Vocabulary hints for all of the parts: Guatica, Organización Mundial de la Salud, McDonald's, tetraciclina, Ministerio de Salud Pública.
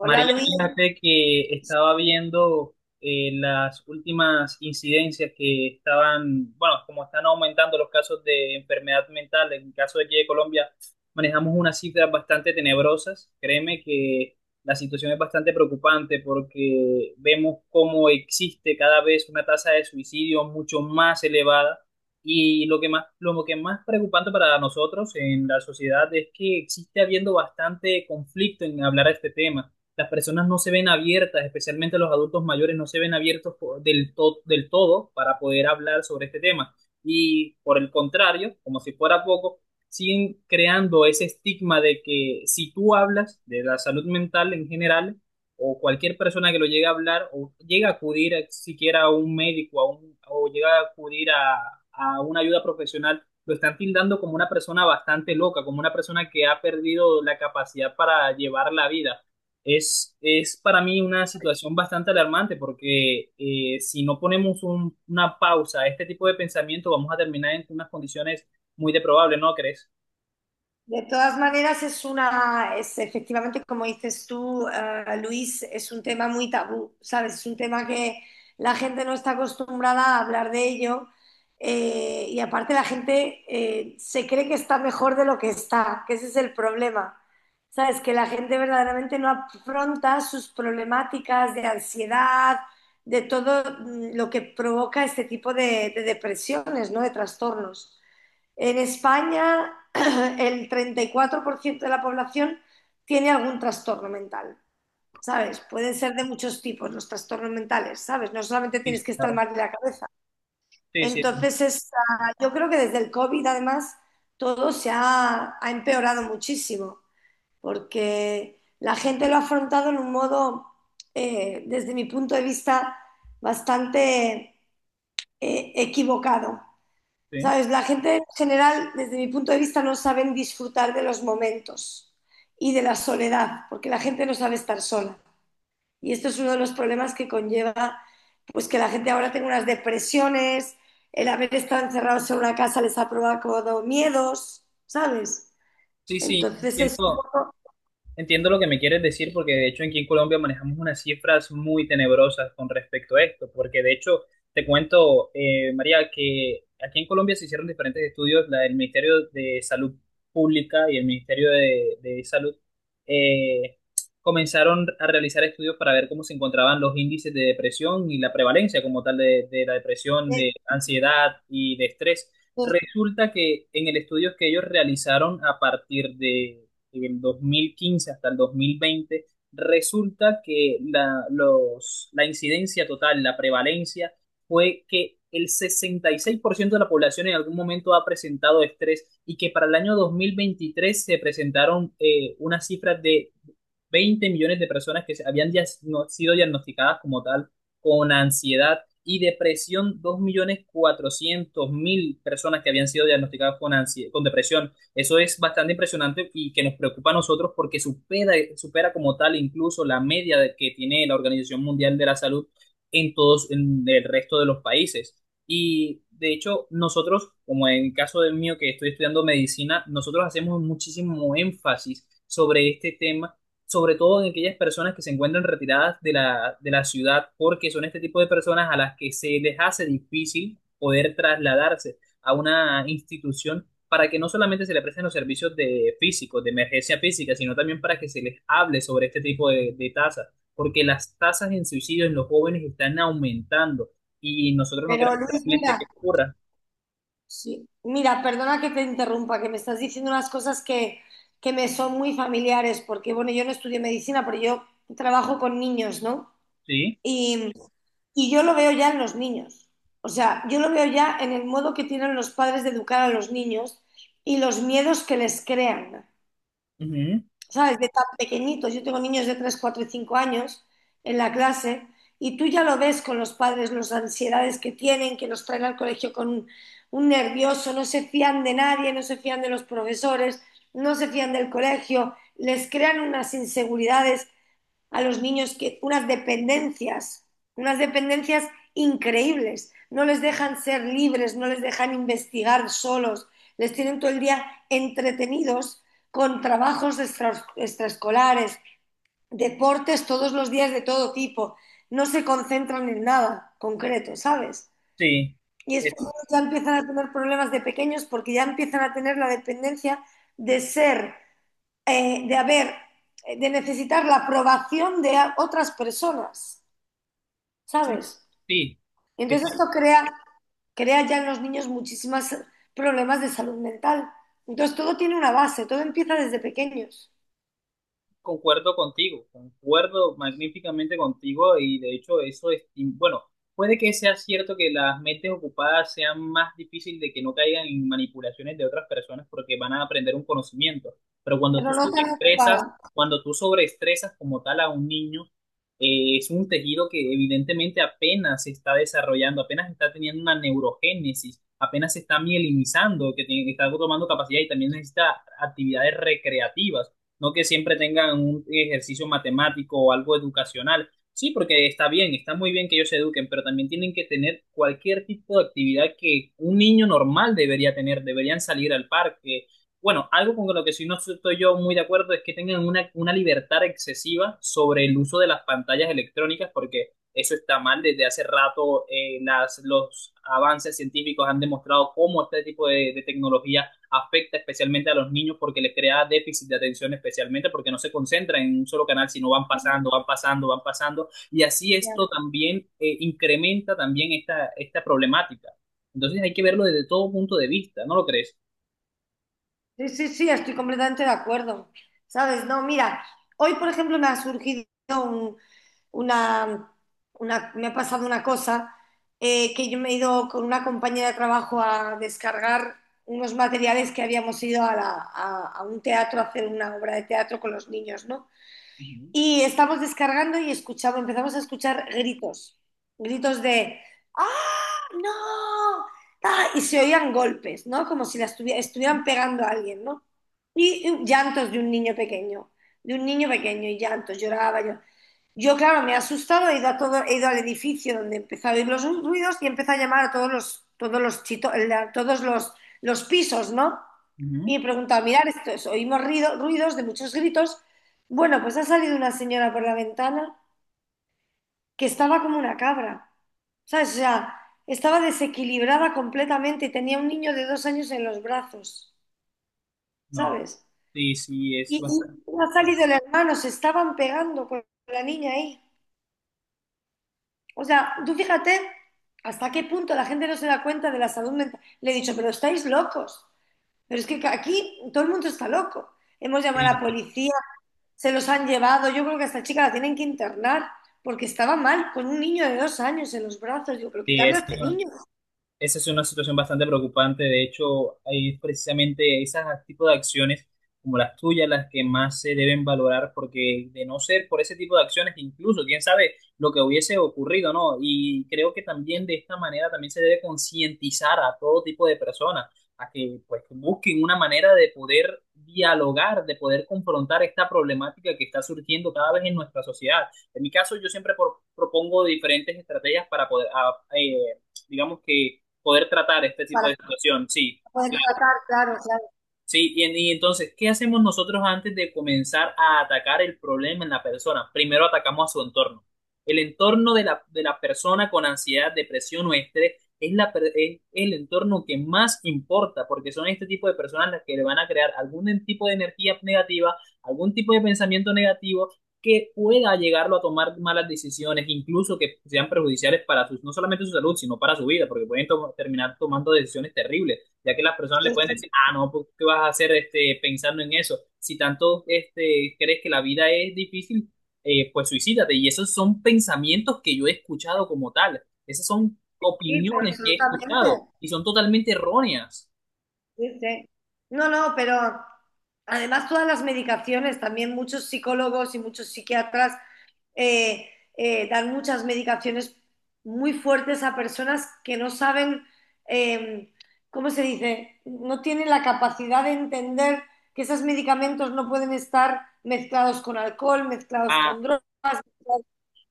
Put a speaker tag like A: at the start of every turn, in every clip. A: María,
B: Luis.
A: fíjate que estaba viendo las últimas incidencias que estaban, bueno, como están aumentando los casos de enfermedad mental, en el caso de aquí de Colombia, manejamos unas cifras bastante tenebrosas. Créeme que la situación es bastante preocupante porque vemos cómo existe cada vez una tasa de suicidio mucho más elevada. Y lo que más preocupante para nosotros en la sociedad es que existe habiendo bastante conflicto en hablar de este tema, las personas no se ven abiertas, especialmente los adultos mayores no se ven abiertos del todo para poder hablar sobre este tema. Y por el contrario, como si fuera poco, siguen creando ese estigma de que si tú hablas de la salud mental en general, o cualquier persona que lo llegue a hablar, o llega a acudir a- siquiera a un médico, o llega a acudir a una ayuda profesional, lo están tildando como una persona bastante loca, como una persona que ha perdido la capacidad para llevar la vida. Es para mí una situación bastante alarmante porque si no ponemos una pausa a este tipo de pensamiento, vamos a terminar en unas condiciones muy deprobables, ¿no crees?
B: De todas maneras es una, es efectivamente como dices tú, Luis, es un tema muy tabú, ¿sabes? Es un tema que la gente no está acostumbrada a hablar de ello. Y aparte la gente, se cree que está mejor de lo que está, que ese es el problema, ¿sabes? Que la gente verdaderamente no afronta sus problemáticas de ansiedad, de todo, lo que provoca este tipo de depresiones, ¿no? De trastornos. En España, el 34% de la población tiene algún trastorno mental, ¿sabes? Pueden ser de muchos tipos los trastornos mentales, ¿sabes? No solamente
A: Sí,
B: tienes que estar
A: claro.
B: mal de la cabeza.
A: Sí, sí,
B: Entonces, es, yo creo que desde el COVID, además, todo ha empeorado muchísimo, porque la gente lo ha afrontado en un modo, desde mi punto de vista, bastante equivocado.
A: sí.
B: ¿Sabes? La gente en general, desde mi punto de vista, no saben disfrutar de los momentos y de la soledad, porque la gente no sabe estar sola. Y esto es uno de los problemas que conlleva, pues que la gente ahora tenga unas depresiones. El haber estado encerrados en una casa les ha provocado miedos, ¿sabes?
A: Sí, sí,
B: Entonces es un
A: entiendo.
B: poco...
A: Entiendo lo que me quieres decir porque de hecho aquí en Colombia manejamos unas cifras muy tenebrosas con respecto a esto, porque de hecho te cuento, María, que aquí en Colombia se hicieron diferentes estudios, la del Ministerio de Salud Pública y el Ministerio de Salud eh, comenzaron a realizar estudios para ver cómo se encontraban los índices de depresión y la prevalencia como tal de la depresión,
B: eh,
A: de ansiedad y de estrés.
B: eh,
A: Resulta que en el estudio que ellos realizaron a partir de en el 2015 hasta el 2020, resulta que la incidencia total, la prevalencia, fue que el 66% de la población en algún momento ha presentado estrés y que para el año 2023 se presentaron una cifra de 20 millones de personas que habían sido diagnosticadas como tal con ansiedad y depresión, 2.400.000 personas que habían sido diagnosticadas con, con depresión. Eso es bastante impresionante y que nos preocupa a nosotros porque supera como tal incluso la media que tiene la Organización Mundial de la Salud en todos, en el resto de los países. Y de hecho, nosotros, como en el caso del mío que estoy estudiando medicina, nosotros hacemos muchísimo énfasis sobre este tema, sobre todo en aquellas personas que se encuentran retiradas de la ciudad, porque son este tipo de personas a las que se les hace difícil poder trasladarse a una institución para que no solamente se le presten los servicios de físicos, de emergencia física, sino también para que se les hable sobre este tipo de tasas, porque las tasas en suicidio en los jóvenes están aumentando y nosotros no
B: Pero
A: queremos
B: Luis,
A: realmente que
B: mira.
A: ocurra.
B: Sí. Mira, perdona que te interrumpa, que me estás diciendo unas cosas que me son muy familiares, porque bueno, yo no estudié medicina, pero yo trabajo con niños, ¿no?
A: ¿Sí?
B: Y, y yo lo veo ya en los niños. O sea, yo lo veo ya en el modo que tienen los padres de educar a los niños y los miedos que les crean.
A: Ujú.
B: ¿Sabes? De tan pequeñitos. Yo tengo niños de 3, 4 y 5 años en la clase y tú ya lo ves con los padres, las ansiedades que tienen, que los traen al colegio con un nervioso, no se fían de nadie, no se fían de los profesores, no se fían del colegio, les crean unas inseguridades a los niños, que unas dependencias increíbles. No les dejan ser libres, no les dejan investigar solos, les tienen todo el día entretenidos con trabajos extra, extraescolares, deportes todos los días de todo tipo. No se concentran en nada concreto, ¿sabes?
A: Sí.
B: Y estos
A: Es-
B: niños ya empiezan a tener problemas de pequeños porque ya empiezan a tener la dependencia de ser, eh, de haber, de necesitar la aprobación de otras personas,
A: sí,
B: ¿sabes?
A: sí.
B: Y entonces esto crea, crea ya en los niños muchísimos problemas de salud mental. Entonces todo tiene una base, todo empieza desde pequeños,
A: Concuerdo contigo, concuerdo magníficamente contigo y de hecho eso es, y bueno, puede que sea cierto que las mentes ocupadas sean más difíciles de que no caigan en manipulaciones de otras personas porque van a aprender un conocimiento, pero
B: pero no tan ocupada.
A: cuando tú sobreestresas como tal a un niño, es un tejido que evidentemente apenas se está desarrollando, apenas está teniendo una neurogénesis, apenas se está mielinizando, que está tomando capacidad y también necesita actividades recreativas, no que siempre tengan un ejercicio matemático o algo educacional. Sí, porque está bien, está muy bien que ellos se eduquen, pero también tienen que tener cualquier tipo de actividad que un niño normal debería tener, deberían salir al parque. Bueno, algo con lo que sí no estoy yo muy de acuerdo es que tengan una libertad excesiva sobre el uso de las pantallas electrónicas, porque eso está mal. Desde hace rato los avances científicos han demostrado cómo este tipo de tecnología afecta especialmente a los niños porque les crea déficit de atención, especialmente porque no se concentran en un solo canal, sino van pasando. Y así esto también incrementa también esta problemática. Entonces hay que verlo desde todo punto de vista, ¿no lo crees?
B: Sí, sí, sí, estoy completamente de acuerdo. ¿Sabes? No, mira, hoy por ejemplo me ha surgido un- una, una- me ha pasado una cosa, que yo me he ido con una compañera de trabajo a descargar unos materiales que habíamos ido a, la- a un teatro a hacer una obra de teatro con los niños, ¿no?
A: Ujú,
B: Y estamos descargando y escuchamos, empezamos a escuchar gritos, gritos de ¡ah, no! ¡Ah! Y se oían golpes, ¿no? Como si la estuvi- estuvieran pegando a alguien, ¿no? Y llantos de un niño pequeño, de un niño pequeño y llantos, lloraba yo. Yo, claro, me he asustado, he ido a todo, he ido al edificio donde empezaba a oír los ruidos y empezó a llamar a todos los chito- la- todos los pisos, ¿no?
A: ujú.
B: Y he preguntado, mirar, esto es, oímos ruido- ruidos de muchos gritos, bueno, pues ha salido una señora por la ventana que estaba como una cabra, ¿sabes? O sea, estaba desequilibrada completamente y tenía un niño de dos años en los brazos,
A: No,
B: ¿sabes?
A: sí, sí, es bastante.
B: Y no ha salido el hermano, se estaban pegando con la niña ahí. O sea, tú fíjate hasta qué punto la gente no se da cuenta de la salud mental. Le he dicho, pero estáis locos. Pero es que aquí todo el mundo está loco. Hemos llamado
A: Sí,
B: a la policía, se los han llevado. Yo creo que a esta chica la tienen que internar porque estaba mal con un niño de dos años en los brazos. Digo, pero
A: sí,
B: quitarle a
A: es.
B: este niño
A: Esa es una situación bastante preocupante. De hecho, hay precisamente esos tipos de acciones como las tuyas las que más se deben valorar, porque de no ser por ese tipo de acciones, incluso quién sabe lo que hubiese ocurrido, ¿no? Y creo que también de esta manera también se debe concientizar a todo tipo de personas a que pues busquen una manera de poder dialogar, de poder confrontar esta problemática que está surgiendo cada vez en nuestra sociedad. En mi caso, yo siempre propongo diferentes estrategias para poder, digamos que poder tratar este tipo
B: para
A: de situación, sí,
B: poder
A: claro.
B: tratar, claro, claro.
A: Sí, y, y entonces, ¿qué hacemos nosotros antes de comenzar a atacar el problema en la persona? Primero atacamos a su entorno. El entorno de la persona con ansiedad, depresión o estrés es, es el entorno que más importa, porque son este tipo de personas las que le van a crear algún tipo de energía negativa, algún tipo de pensamiento negativo que pueda llegarlo a tomar malas decisiones, incluso que sean perjudiciales para sus, no solamente su salud, sino para su vida, porque pueden terminar tomando decisiones terribles, ya que las personas le
B: Sí,
A: pueden
B: sí,
A: decir, ah, no, pues, ¿qué vas a hacer este, pensando en eso? Si tanto este, crees que la vida es difícil, pues suicídate. Y esos son pensamientos que yo he escuchado como tal. Esas son
B: sí, pero
A: opiniones que he
B: absolutamente.
A: escuchado y son totalmente erróneas.
B: Sí, sí. No, no, pero además todas las medicaciones, también muchos psicólogos y muchos psiquiatras, eh, dan muchas medicaciones muy fuertes a personas que no saben, eh, ¿cómo se dice? No tienen la capacidad de entender que esos medicamentos no pueden estar mezclados con alcohol, mezclados
A: Ah.
B: con drogas.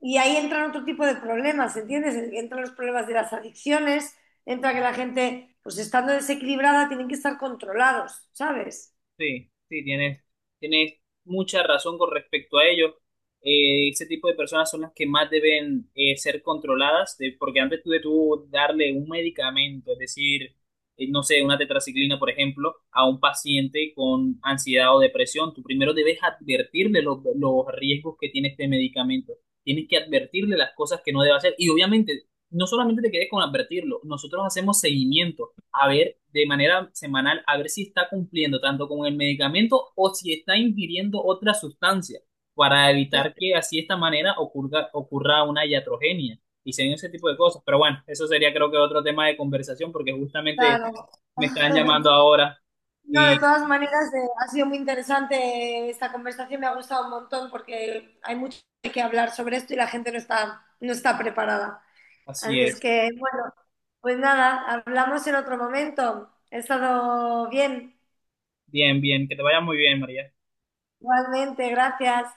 B: Y ahí entran otro tipo de problemas, ¿entiendes? Entran los problemas de las adicciones, entra que la gente, pues estando desequilibrada, tienen que estar controlados, ¿sabes?
A: Sí, sí, tienes mucha razón con respecto a ello. Ese tipo de personas son las que más deben ser controladas, porque antes tú de tú darle un medicamento, es decir, no sé, una tetraciclina, por ejemplo, a un paciente con ansiedad o depresión, tú primero debes advertirle los riesgos que tiene este medicamento. Tienes que advertirle las cosas que no debe hacer. Y obviamente, no solamente te quedes con advertirlo, nosotros hacemos seguimiento a ver de manera semanal, a ver si está cumpliendo tanto con el medicamento o si está ingiriendo otra sustancia para
B: Y
A: evitar que así de esta manera ocurra, ocurra una iatrogenia y se den ese tipo de cosas. Pero bueno, eso sería creo que otro tema de conversación porque justamente
B: claro.
A: me están llamando ahora
B: No, de
A: y
B: todas maneras, ha sido muy interesante esta conversación, me ha gustado un montón porque hay mucho que hablar sobre esto y la gente no está, no está preparada. Así
A: así
B: es
A: es.
B: que, bueno, pues nada, hablamos en otro momento. He estado bien,
A: Bien, bien, que te vaya muy bien, María.
B: igualmente, gracias.